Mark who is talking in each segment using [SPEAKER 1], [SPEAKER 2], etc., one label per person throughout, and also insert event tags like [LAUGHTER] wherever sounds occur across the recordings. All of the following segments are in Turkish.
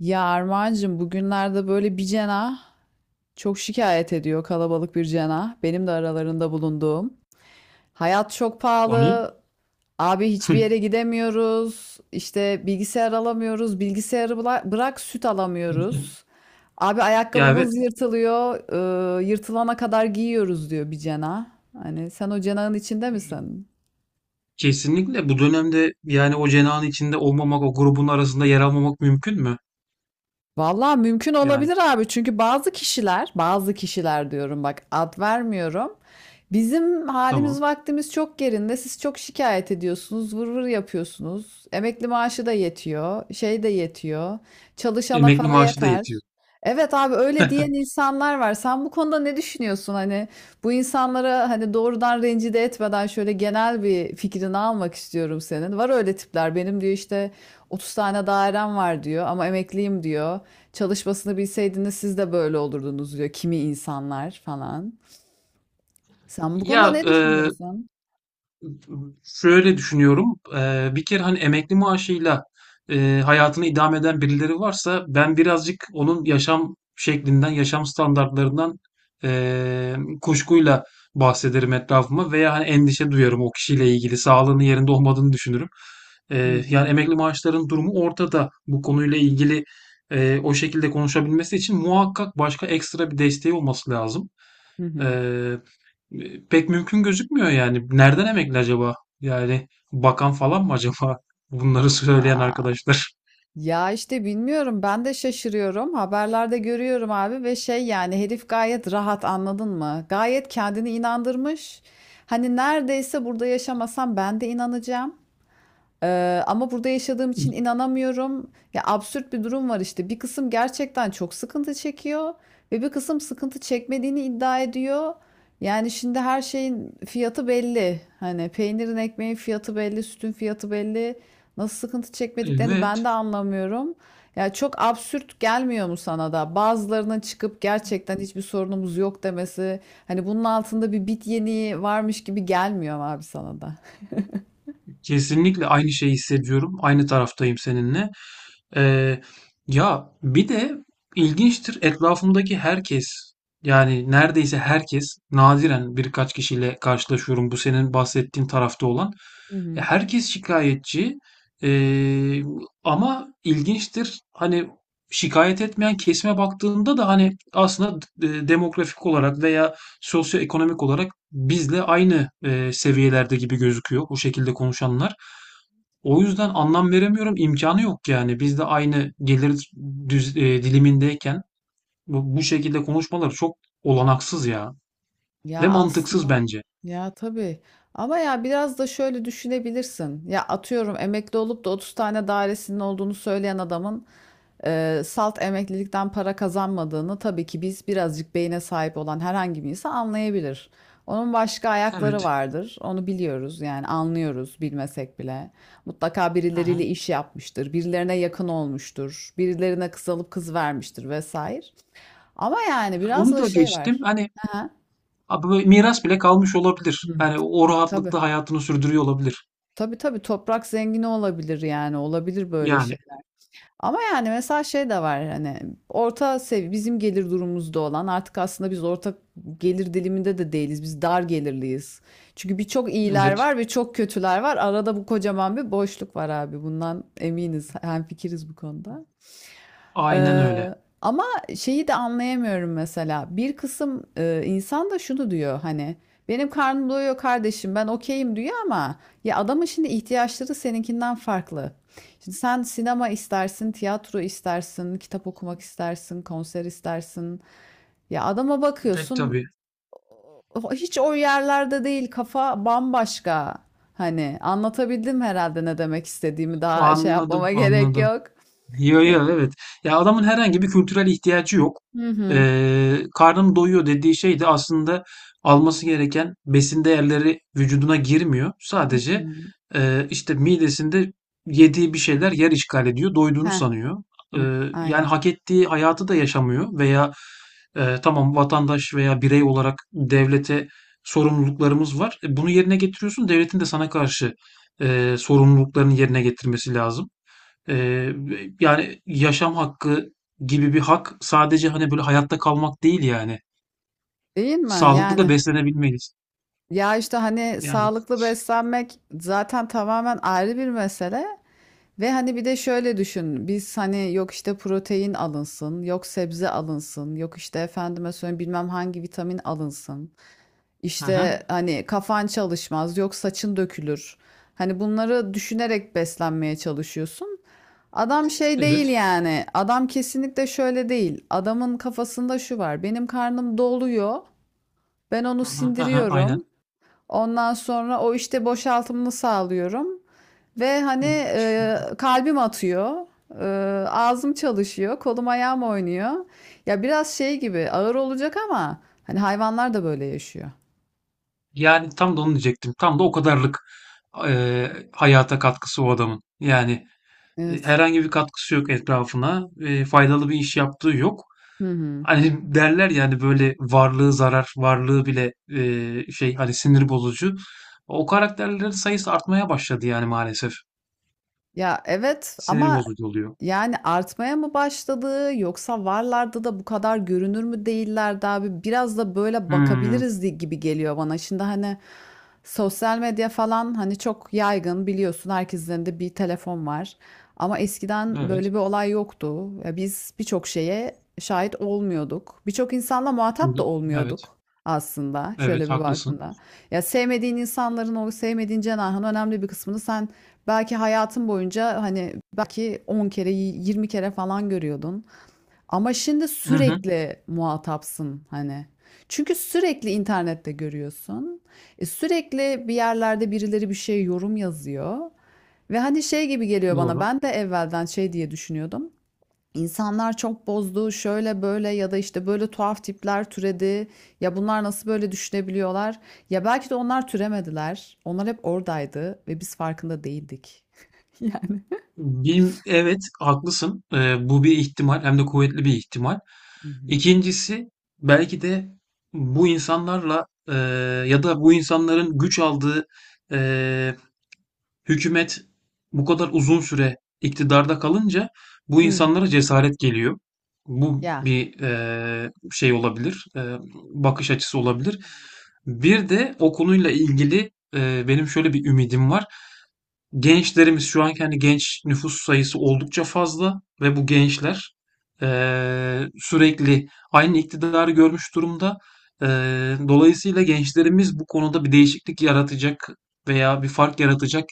[SPEAKER 1] Ya Armağancığım, bugünlerde böyle bir cena çok şikayet ediyor, kalabalık bir cena. Benim de aralarında bulunduğum. Hayat çok
[SPEAKER 2] Konuyu.
[SPEAKER 1] pahalı. Abi, hiçbir yere
[SPEAKER 2] [LAUGHS]
[SPEAKER 1] gidemiyoruz. İşte bilgisayar alamıyoruz. Bilgisayarı bırak, süt alamıyoruz. Abi,
[SPEAKER 2] Ya, evet,
[SPEAKER 1] ayakkabımız yırtılıyor. Yırtılana kadar giyiyoruz diyor bir cena. Hani sen o cenahın içinde misin?
[SPEAKER 2] kesinlikle bu dönemde yani o cenahın içinde olmamak, o grubun arasında yer almamak mümkün mü?
[SPEAKER 1] Vallahi mümkün
[SPEAKER 2] Yani
[SPEAKER 1] olabilir abi, çünkü bazı kişiler, bazı kişiler diyorum, bak, ad vermiyorum. Bizim halimiz
[SPEAKER 2] tamam.
[SPEAKER 1] vaktimiz çok yerinde. Siz çok şikayet ediyorsunuz, vır vır yapıyorsunuz. Emekli maaşı da yetiyor, şey de yetiyor. Çalışana
[SPEAKER 2] Emekli
[SPEAKER 1] para
[SPEAKER 2] maaşı da
[SPEAKER 1] yeter.
[SPEAKER 2] yetiyor.
[SPEAKER 1] Evet abi, öyle diyen insanlar var. Sen bu konuda ne düşünüyorsun? Hani bu insanlara hani doğrudan rencide etmeden şöyle genel bir fikrini almak istiyorum senin. Var öyle tipler. Benim, diyor, işte 30 tane dairem var diyor ama emekliyim diyor. Çalışmasını bilseydiniz siz de böyle olurdunuz diyor kimi insanlar falan. Sen bu konuda
[SPEAKER 2] Ya
[SPEAKER 1] ne düşünüyorsun?
[SPEAKER 2] Şöyle düşünüyorum. Bir kere hani emekli maaşıyla hayatını idame eden birileri varsa ben birazcık onun yaşam şeklinden, yaşam standartlarından eee, kuşkuyla bahsederim etrafıma veya hani endişe duyarım o kişiyle ilgili, sağlığının yerinde olmadığını düşünürüm.
[SPEAKER 1] Hı
[SPEAKER 2] Yani
[SPEAKER 1] hı.
[SPEAKER 2] emekli maaşların durumu ortada. Bu konuyla ilgili o şekilde konuşabilmesi için muhakkak başka ekstra bir desteği olması lazım.
[SPEAKER 1] Hı hı.
[SPEAKER 2] Pek mümkün gözükmüyor yani. Nereden emekli acaba? Yani bakan falan mı acaba? [LAUGHS] Bunları söyleyen
[SPEAKER 1] Aa,
[SPEAKER 2] arkadaşlar.
[SPEAKER 1] ya işte bilmiyorum, ben de şaşırıyorum. Haberlerde görüyorum abi, ve şey yani herif gayet rahat, anladın mı? Gayet kendini inandırmış. Hani neredeyse burada yaşamasam ben de inanacağım. Ama burada yaşadığım için
[SPEAKER 2] [LAUGHS]
[SPEAKER 1] inanamıyorum. Ya absürt bir durum var işte. Bir kısım gerçekten çok sıkıntı çekiyor ve bir kısım sıkıntı çekmediğini iddia ediyor. Yani şimdi her şeyin fiyatı belli. Hani peynirin, ekmeğin fiyatı belli, sütün fiyatı belli. Nasıl sıkıntı çekmediklerini ben
[SPEAKER 2] Evet.
[SPEAKER 1] de anlamıyorum. Ya çok absürt gelmiyor mu sana da? Bazılarının çıkıp gerçekten hiçbir sorunumuz yok demesi. Hani bunun altında bir bit yeniği varmış gibi gelmiyor mu abi sana da?
[SPEAKER 2] Kesinlikle aynı şeyi hissediyorum. Aynı taraftayım seninle. Ee, Ya bir de ilginçtir, etrafımdaki herkes, yani neredeyse herkes, nadiren birkaç kişiyle karşılaşıyorum bu senin bahsettiğin tarafta olan.
[SPEAKER 1] Hı
[SPEAKER 2] Ya,
[SPEAKER 1] hı.
[SPEAKER 2] herkes şikayetçi. Ee, Ama ilginçtir hani, şikayet etmeyen kesime baktığında da hani aslında demografik olarak veya sosyoekonomik olarak bizle aynı seviyelerde gibi gözüküyor bu şekilde konuşanlar. O yüzden anlam veremiyorum. İmkanı yok yani. Biz de aynı gelir dilimindeyken bu şekilde konuşmalar çok olanaksız ya.
[SPEAKER 1] Ya
[SPEAKER 2] Ve mantıksız
[SPEAKER 1] aslında.
[SPEAKER 2] bence.
[SPEAKER 1] Ya tabii. Ama ya biraz da şöyle düşünebilirsin. Ya atıyorum, emekli olup da 30 tane dairesinin olduğunu söyleyen adamın salt emeklilikten para kazanmadığını tabii ki biz, birazcık beyne sahip olan herhangi bir insan anlayabilir. Onun başka
[SPEAKER 2] Evet.
[SPEAKER 1] ayakları vardır. Onu biliyoruz yani, anlıyoruz bilmesek bile. Mutlaka
[SPEAKER 2] Hı hı.
[SPEAKER 1] birileriyle iş yapmıştır, birilerine yakın olmuştur, birilerine kız alıp kız vermiştir vesaire. Ama yani biraz
[SPEAKER 2] Onu
[SPEAKER 1] da
[SPEAKER 2] da
[SPEAKER 1] şey
[SPEAKER 2] geçtim.
[SPEAKER 1] var.
[SPEAKER 2] Hani
[SPEAKER 1] Aha.
[SPEAKER 2] abi böyle miras bile kalmış olabilir.
[SPEAKER 1] Hı.
[SPEAKER 2] Yani o
[SPEAKER 1] Tabii.
[SPEAKER 2] rahatlıkta hayatını sürdürüyor olabilir.
[SPEAKER 1] Tabii, tabii, toprak zengini olabilir yani, olabilir böyle
[SPEAKER 2] Yani
[SPEAKER 1] şey. Ama yani mesela şey de var hani orta sev bizim gelir durumumuzda olan artık aslında biz orta gelir diliminde de değiliz. Biz dar gelirliyiz. Çünkü birçok iyiler
[SPEAKER 2] evet.
[SPEAKER 1] var ve çok kötüler var. Arada bu kocaman bir boşluk var abi. Bundan eminiz. Hemfikiriz bu konuda.
[SPEAKER 2] Aynen öyle.
[SPEAKER 1] Eee, Ama şeyi de anlayamıyorum mesela. Bir kısım insan da şunu diyor hani, benim karnım doyuyor kardeşim, ben okeyim diyor ama ya adamın şimdi ihtiyaçları seninkinden farklı. Şimdi sen sinema istersin, tiyatro istersin, kitap okumak istersin, konser istersin. Ya adama
[SPEAKER 2] Pek
[SPEAKER 1] bakıyorsun
[SPEAKER 2] tabii.
[SPEAKER 1] hiç o yerlerde değil, kafa bambaşka. Hani anlatabildim herhalde ne demek istediğimi, daha şey
[SPEAKER 2] Anladım,
[SPEAKER 1] yapmama [LAUGHS] gerek
[SPEAKER 2] anladım.
[SPEAKER 1] yok.
[SPEAKER 2] Yo
[SPEAKER 1] E,
[SPEAKER 2] yo, evet. Ya adamın herhangi bir kültürel ihtiyacı yok.
[SPEAKER 1] Hı hı.
[SPEAKER 2] Karnım doyuyor dediği şey de aslında alması gereken besin değerleri vücuduna girmiyor.
[SPEAKER 1] Hı
[SPEAKER 2] Sadece
[SPEAKER 1] hı.
[SPEAKER 2] işte midesinde yediği bir şeyler yer işgal ediyor, doyduğunu sanıyor.
[SPEAKER 1] Hı,
[SPEAKER 2] Ee, Yani
[SPEAKER 1] aynen.
[SPEAKER 2] hak ettiği hayatı da yaşamıyor veya tamam, vatandaş veya birey olarak devlete sorumluluklarımız var. E, bunu yerine getiriyorsun, devletin de sana karşı sorumluluklarını yerine getirmesi lazım. Eee, Yani yaşam hakkı gibi bir hak sadece hani böyle hayatta kalmak değil yani.
[SPEAKER 1] Değil mi?
[SPEAKER 2] Sağlıklı da
[SPEAKER 1] Yani,
[SPEAKER 2] beslenebilmeliyiz.
[SPEAKER 1] ya işte hani
[SPEAKER 2] Yani.
[SPEAKER 1] sağlıklı beslenmek zaten tamamen ayrı bir mesele ve hani bir de şöyle düşün. Biz, hani, yok işte protein alınsın, yok sebze alınsın, yok işte efendime söyleyeyim bilmem hangi vitamin alınsın.
[SPEAKER 2] Hı hı.
[SPEAKER 1] İşte hani kafan çalışmaz, yok saçın dökülür. Hani bunları düşünerek beslenmeye çalışıyorsun. Adam şey değil
[SPEAKER 2] Evet.
[SPEAKER 1] yani. Adam kesinlikle şöyle değil. Adamın kafasında şu var: benim karnım doluyor. Ben onu
[SPEAKER 2] Hı hı. Hı hı. Aynen.
[SPEAKER 1] sindiriyorum. Ondan sonra o işte boşaltımını sağlıyorum. Ve hani
[SPEAKER 2] Hı.
[SPEAKER 1] kalbim atıyor. E, ağzım çalışıyor. Kolum ayağım oynuyor. Ya biraz şey gibi ağır olacak ama hani hayvanlar da böyle yaşıyor.
[SPEAKER 2] Yani tam da onu diyecektim. Tam da o kadarlık hayata katkısı o adamın. Yani
[SPEAKER 1] Evet.
[SPEAKER 2] herhangi bir katkısı yok etrafına. Faydalı bir iş yaptığı yok.
[SPEAKER 1] Hı hı.
[SPEAKER 2] Hani [LAUGHS] derler yani, böyle varlığı zarar, varlığı bile hani sinir bozucu. O karakterlerin sayısı artmaya başladı yani maalesef.
[SPEAKER 1] Ya evet
[SPEAKER 2] Sinir
[SPEAKER 1] ama.
[SPEAKER 2] bozucu oluyor.
[SPEAKER 1] Yani artmaya mı başladı yoksa varlardı da bu kadar görünür mü değillerdi abi? Biraz da böyle
[SPEAKER 2] Hımm.
[SPEAKER 1] bakabiliriz gibi geliyor bana. Şimdi hani sosyal medya falan, hani çok yaygın biliyorsun, herkesin elinde bir telefon var. Ama eskiden böyle
[SPEAKER 2] Evet.
[SPEAKER 1] bir olay yoktu. Ya biz birçok şeye şahit olmuyorduk. Birçok insanla
[SPEAKER 2] D
[SPEAKER 1] muhatap da
[SPEAKER 2] evet.
[SPEAKER 1] olmuyorduk aslında, şöyle
[SPEAKER 2] Evet,
[SPEAKER 1] bir
[SPEAKER 2] haklısın.
[SPEAKER 1] baktığında. Ya sevmediğin insanların, o sevmediğin cenahın önemli bir kısmını sen belki hayatın boyunca, hani, belki 10 kere, 20 kere falan görüyordun. Ama şimdi
[SPEAKER 2] Hı hı.
[SPEAKER 1] sürekli muhatapsın hani. Çünkü sürekli internette görüyorsun. E, sürekli bir yerlerde birileri bir şey yorum yazıyor. Ve hani şey gibi geliyor bana.
[SPEAKER 2] Doğru.
[SPEAKER 1] Ben de evvelden şey diye düşünüyordum. İnsanlar çok bozdu, şöyle böyle, ya da işte böyle tuhaf tipler türedi. Ya bunlar nasıl böyle düşünebiliyorlar? Ya belki de onlar türemediler. Onlar hep oradaydı ve biz farkında değildik. [LAUGHS] Yani.
[SPEAKER 2] Evet, haklısın. Bu bir ihtimal, hem de kuvvetli bir ihtimal.
[SPEAKER 1] Hı hı.
[SPEAKER 2] İkincisi, belki de bu insanlarla, ya da bu insanların güç aldığı, e, hükümet bu kadar uzun süre iktidarda kalınca bu
[SPEAKER 1] Hı hı.
[SPEAKER 2] insanlara cesaret geliyor. Bu
[SPEAKER 1] Ya,
[SPEAKER 2] bir şey olabilir, bakış açısı olabilir. Bir de o konuyla ilgili benim şöyle bir ümidim var. Gençlerimiz, şu anki hani genç nüfus sayısı oldukça fazla ve bu gençler sürekli aynı iktidarı görmüş durumda. Eee, Dolayısıyla gençlerimiz bu konuda bir değişiklik yaratacak veya bir fark yaratacak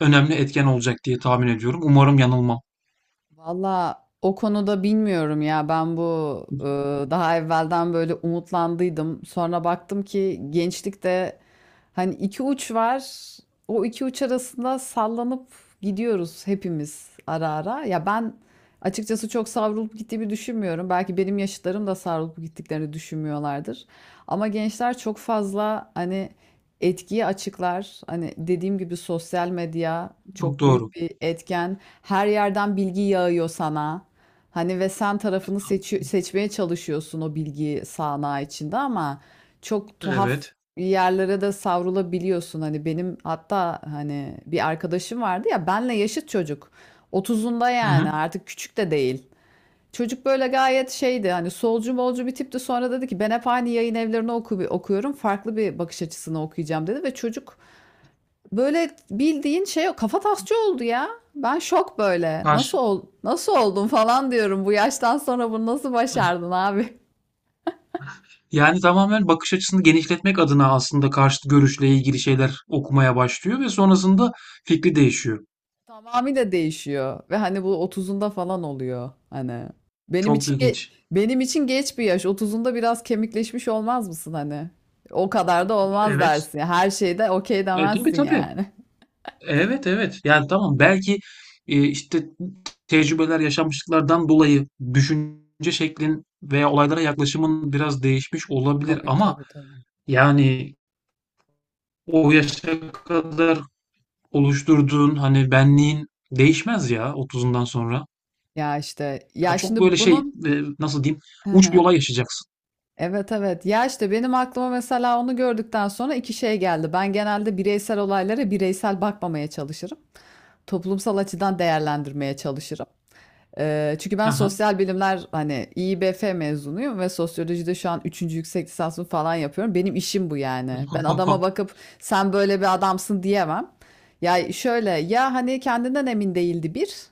[SPEAKER 2] önemli etken olacak diye tahmin ediyorum. Umarım yanılmam.
[SPEAKER 1] valla o konuda bilmiyorum ya, ben bu daha evvelden böyle umutlandıydım. Sonra baktım ki gençlikte hani iki uç var. O iki uç arasında sallanıp gidiyoruz hepimiz, ara ara. Ya ben açıkçası çok savrulup gittiğimi düşünmüyorum. Belki benim yaşıtlarım da savrulup gittiklerini düşünmüyorlardır. Ama gençler çok fazla, hani, etkiyi açıklar. Hani, dediğim gibi, sosyal medya
[SPEAKER 2] Çok
[SPEAKER 1] çok büyük
[SPEAKER 2] doğru.
[SPEAKER 1] bir etken. Her yerden bilgi yağıyor sana. Hani, ve sen tarafını seçmeye çalışıyorsun o bilgi sağanağı içinde, ama çok tuhaf
[SPEAKER 2] Evet.
[SPEAKER 1] yerlere de savrulabiliyorsun. Hani benim, hatta hani, bir arkadaşım vardı ya, benle yaşıt çocuk. 30'unda,
[SPEAKER 2] Hı hı.
[SPEAKER 1] yani artık küçük de değil. Çocuk böyle gayet şeydi hani, solcu molcu bir tipti, sonra dedi ki ben hep aynı yayın evlerini okuyorum, farklı bir bakış açısını okuyacağım dedi ve çocuk böyle bildiğin şey kafa tasçı oldu ya. Ben şok, böyle,
[SPEAKER 2] Karşı.
[SPEAKER 1] nasıl oldun falan diyorum, bu yaştan sonra bunu nasıl başardın abi?
[SPEAKER 2] Yani tamamen bakış açısını genişletmek adına aslında karşıt görüşle ilgili şeyler okumaya başlıyor ve sonrasında fikri değişiyor.
[SPEAKER 1] [LAUGHS] Tamamıyla değişiyor ve hani bu otuzunda falan oluyor hani. Benim
[SPEAKER 2] Çok
[SPEAKER 1] için ge-
[SPEAKER 2] ilginç.
[SPEAKER 1] Benim için geç bir yaş, otuzunda biraz kemikleşmiş olmaz mısın hani? O kadar da olmaz
[SPEAKER 2] Evet.
[SPEAKER 1] dersin. Her şeyde okey
[SPEAKER 2] Tabii
[SPEAKER 1] demezsin
[SPEAKER 2] tabii.
[SPEAKER 1] yani.
[SPEAKER 2] Evet evet. Yani tamam, belki işte tecrübeler, yaşanmışlıklardan dolayı düşünce şeklin veya olaylara yaklaşımın biraz değişmiş olabilir
[SPEAKER 1] Tabii,
[SPEAKER 2] ama
[SPEAKER 1] tabii, tabii.
[SPEAKER 2] yani o yaşa kadar oluşturduğun hani benliğin değişmez ya otuzundan sonra.
[SPEAKER 1] Ya, işte,
[SPEAKER 2] Ya
[SPEAKER 1] ya,
[SPEAKER 2] çok
[SPEAKER 1] şimdi bunun.
[SPEAKER 2] nasıl diyeyim,
[SPEAKER 1] Hı
[SPEAKER 2] uç bir
[SPEAKER 1] hı.
[SPEAKER 2] olay yaşayacaksın.
[SPEAKER 1] Evet, evet. Ya, işte, benim aklıma mesela onu gördükten sonra 2 şey geldi. Ben genelde bireysel olaylara bireysel bakmamaya çalışırım. Toplumsal açıdan değerlendirmeye çalışırım. Çünkü ben
[SPEAKER 2] Aha.
[SPEAKER 1] sosyal bilimler, hani, İİBF mezunuyum ve sosyolojide şu an üçüncü yüksek lisansımı falan yapıyorum. Benim işim bu yani. Ben adama
[SPEAKER 2] [LAUGHS]
[SPEAKER 1] bakıp sen böyle bir adamsın diyemem. Ya, şöyle, ya, hani, kendinden emin değildi bir.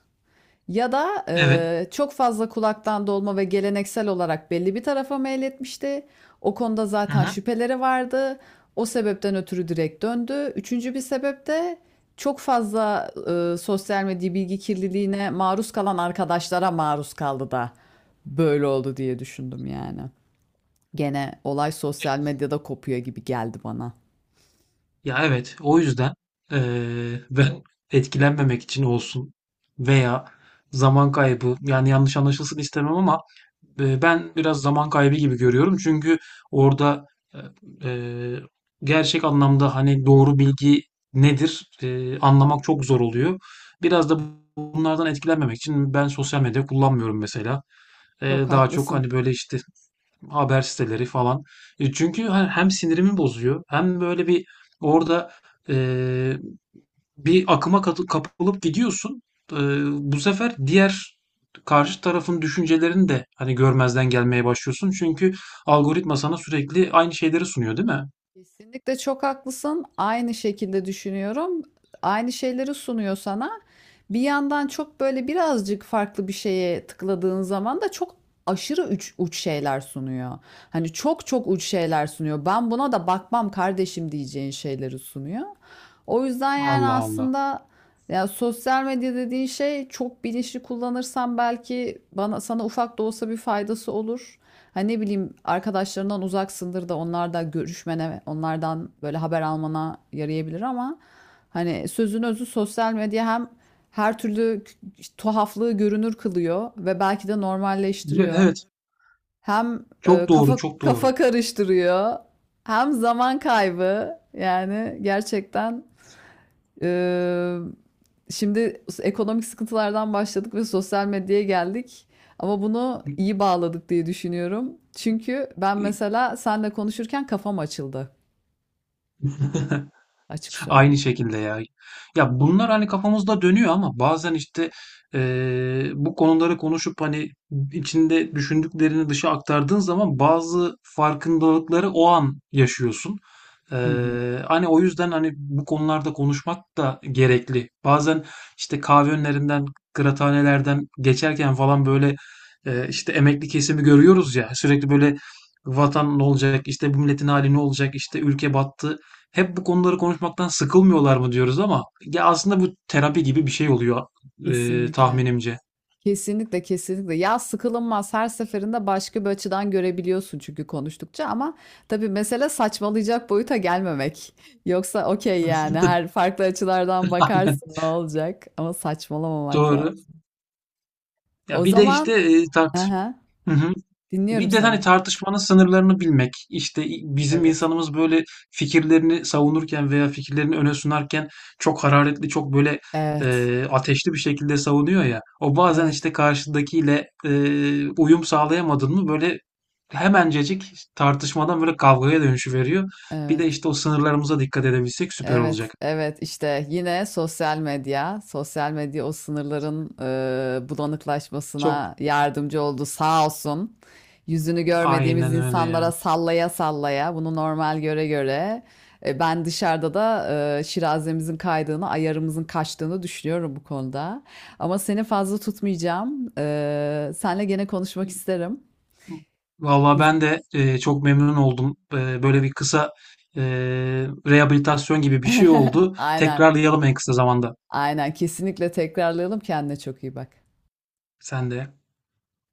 [SPEAKER 1] Ya da
[SPEAKER 2] Evet.
[SPEAKER 1] çok fazla kulaktan dolma ve geleneksel olarak belli bir tarafa meyletmişti. O konuda
[SPEAKER 2] Hı
[SPEAKER 1] zaten
[SPEAKER 2] hı.
[SPEAKER 1] şüpheleri vardı. O sebepten ötürü direkt döndü. Üçüncü bir sebep de çok fazla sosyal medya bilgi kirliliğine maruz kalan arkadaşlara maruz kaldı da böyle oldu diye düşündüm yani. Gene olay sosyal medyada kopuyor gibi geldi bana.
[SPEAKER 2] Ya evet, o yüzden ben etkilenmemek için olsun veya zaman kaybı, yani yanlış anlaşılsın istemem ama ben biraz zaman kaybı gibi görüyorum. Çünkü orada e, e, gerçek anlamda hani doğru bilgi nedir, anlamak çok zor oluyor. Biraz da bunlardan etkilenmemek için ben sosyal medya kullanmıyorum mesela.
[SPEAKER 1] Çok
[SPEAKER 2] Daha çok
[SPEAKER 1] haklısın.
[SPEAKER 2] hani böyle işte haber siteleri falan. E, çünkü hem sinirimi bozuyor, hem böyle bir orada e, bir akıma kapılıp gidiyorsun. E, Bu sefer diğer karşı tarafın düşüncelerini de hani görmezden gelmeye başlıyorsun. Çünkü algoritma sana sürekli aynı şeyleri sunuyor, değil mi?
[SPEAKER 1] Kesinlikle çok haklısın. Aynı şekilde düşünüyorum. Aynı şeyleri sunuyor sana. Bir yandan çok böyle, birazcık farklı bir şeye tıkladığın zaman da çok aşırı uç, uç şeyler sunuyor. Hani çok çok uç şeyler sunuyor. Ben buna da bakmam kardeşim diyeceğin şeyleri sunuyor. O yüzden yani
[SPEAKER 2] Allah Allah.
[SPEAKER 1] aslında, ya, sosyal medya dediğin şey, çok bilinçli kullanırsan, belki bana sana ufak da olsa bir faydası olur. Hani ne bileyim, arkadaşlarından uzaksındır da onlarla görüşmene, onlardan böyle haber almana yarayabilir ama hani sözün özü, sosyal medya hem her türlü tuhaflığı görünür kılıyor ve belki de
[SPEAKER 2] Evet,
[SPEAKER 1] normalleştiriyor.
[SPEAKER 2] evet.
[SPEAKER 1] Hem
[SPEAKER 2] Çok doğru,
[SPEAKER 1] kafa
[SPEAKER 2] çok doğru.
[SPEAKER 1] kafa karıştırıyor, hem zaman kaybı. Yani gerçekten. Eee, Şimdi ekonomik sıkıntılardan başladık ve sosyal medyaya geldik. Ama bunu iyi bağladık diye düşünüyorum. Çünkü ben mesela seninle konuşurken kafam açıldı. Açık
[SPEAKER 2] Aynı
[SPEAKER 1] söyleyeyim.
[SPEAKER 2] şekilde ya. Ya bunlar hani kafamızda dönüyor ama bazen işte bu konuları konuşup hani içinde düşündüklerini dışa aktardığın zaman bazı farkındalıkları o an yaşıyorsun.
[SPEAKER 1] Hı hı.
[SPEAKER 2] Hani o yüzden hani bu konularda konuşmak da gerekli. Bazen işte kahve önlerinden, kıraathanelerden geçerken falan böyle işte emekli kesimi görüyoruz ya, sürekli böyle vatan ne olacak, işte bu milletin hali ne olacak, işte ülke battı, hep bu konuları konuşmaktan sıkılmıyorlar mı diyoruz, ama ya aslında bu terapi gibi bir şey oluyor
[SPEAKER 1] Kesinlikle.
[SPEAKER 2] tahminimce.
[SPEAKER 1] Kesinlikle, kesinlikle. Ya sıkılınmaz. Her seferinde başka bir açıdan görebiliyorsun çünkü konuştukça, ama tabii mesele saçmalayacak boyuta gelmemek. [LAUGHS] Yoksa okey yani,
[SPEAKER 2] [LAUGHS]
[SPEAKER 1] her farklı açılardan
[SPEAKER 2] Aynen.
[SPEAKER 1] bakarsın, ne olacak, ama saçmalamamak
[SPEAKER 2] Doğru.
[SPEAKER 1] lazım.
[SPEAKER 2] Ya
[SPEAKER 1] O
[SPEAKER 2] bir de işte
[SPEAKER 1] zaman.
[SPEAKER 2] e, tart.
[SPEAKER 1] Aha.
[SPEAKER 2] Hı hı.
[SPEAKER 1] Dinliyorum
[SPEAKER 2] Bir de hani
[SPEAKER 1] seni.
[SPEAKER 2] tartışmanın sınırlarını bilmek, işte bizim
[SPEAKER 1] Evet.
[SPEAKER 2] insanımız böyle fikirlerini savunurken veya fikirlerini öne sunarken çok hararetli, çok
[SPEAKER 1] Evet.
[SPEAKER 2] ateşli bir şekilde savunuyor ya. O bazen
[SPEAKER 1] Evet.
[SPEAKER 2] işte karşıdakiyle
[SPEAKER 1] Hı.
[SPEAKER 2] uyum sağlayamadın mı, böyle hemencecik tartışmadan böyle kavgaya dönüşü veriyor. Bir de
[SPEAKER 1] Evet.
[SPEAKER 2] işte o sınırlarımıza dikkat edebilsek süper
[SPEAKER 1] Evet.
[SPEAKER 2] olacak.
[SPEAKER 1] Evet. İşte yine sosyal medya. Sosyal medya o sınırların
[SPEAKER 2] Çok
[SPEAKER 1] bulanıklaşmasına yardımcı oldu sağ olsun. Yüzünü görmediğimiz
[SPEAKER 2] aynen öyle
[SPEAKER 1] insanlara
[SPEAKER 2] ya.
[SPEAKER 1] sallaya sallaya bunu normal göre göre, ben dışarıda da şirazemizin kaydığını, ayarımızın kaçtığını düşünüyorum bu konuda. Ama seni fazla tutmayacağım. E, senle gene konuşmak isterim.
[SPEAKER 2] Vallahi
[SPEAKER 1] Güz-
[SPEAKER 2] ben de çok memnun oldum. Böyle bir kısa e, rehabilitasyon gibi bir şey
[SPEAKER 1] [LAUGHS]
[SPEAKER 2] oldu.
[SPEAKER 1] Aynen.
[SPEAKER 2] Tekrarlayalım en kısa zamanda.
[SPEAKER 1] Aynen kesinlikle tekrarlayalım. Kendine çok iyi bak.
[SPEAKER 2] Sen de.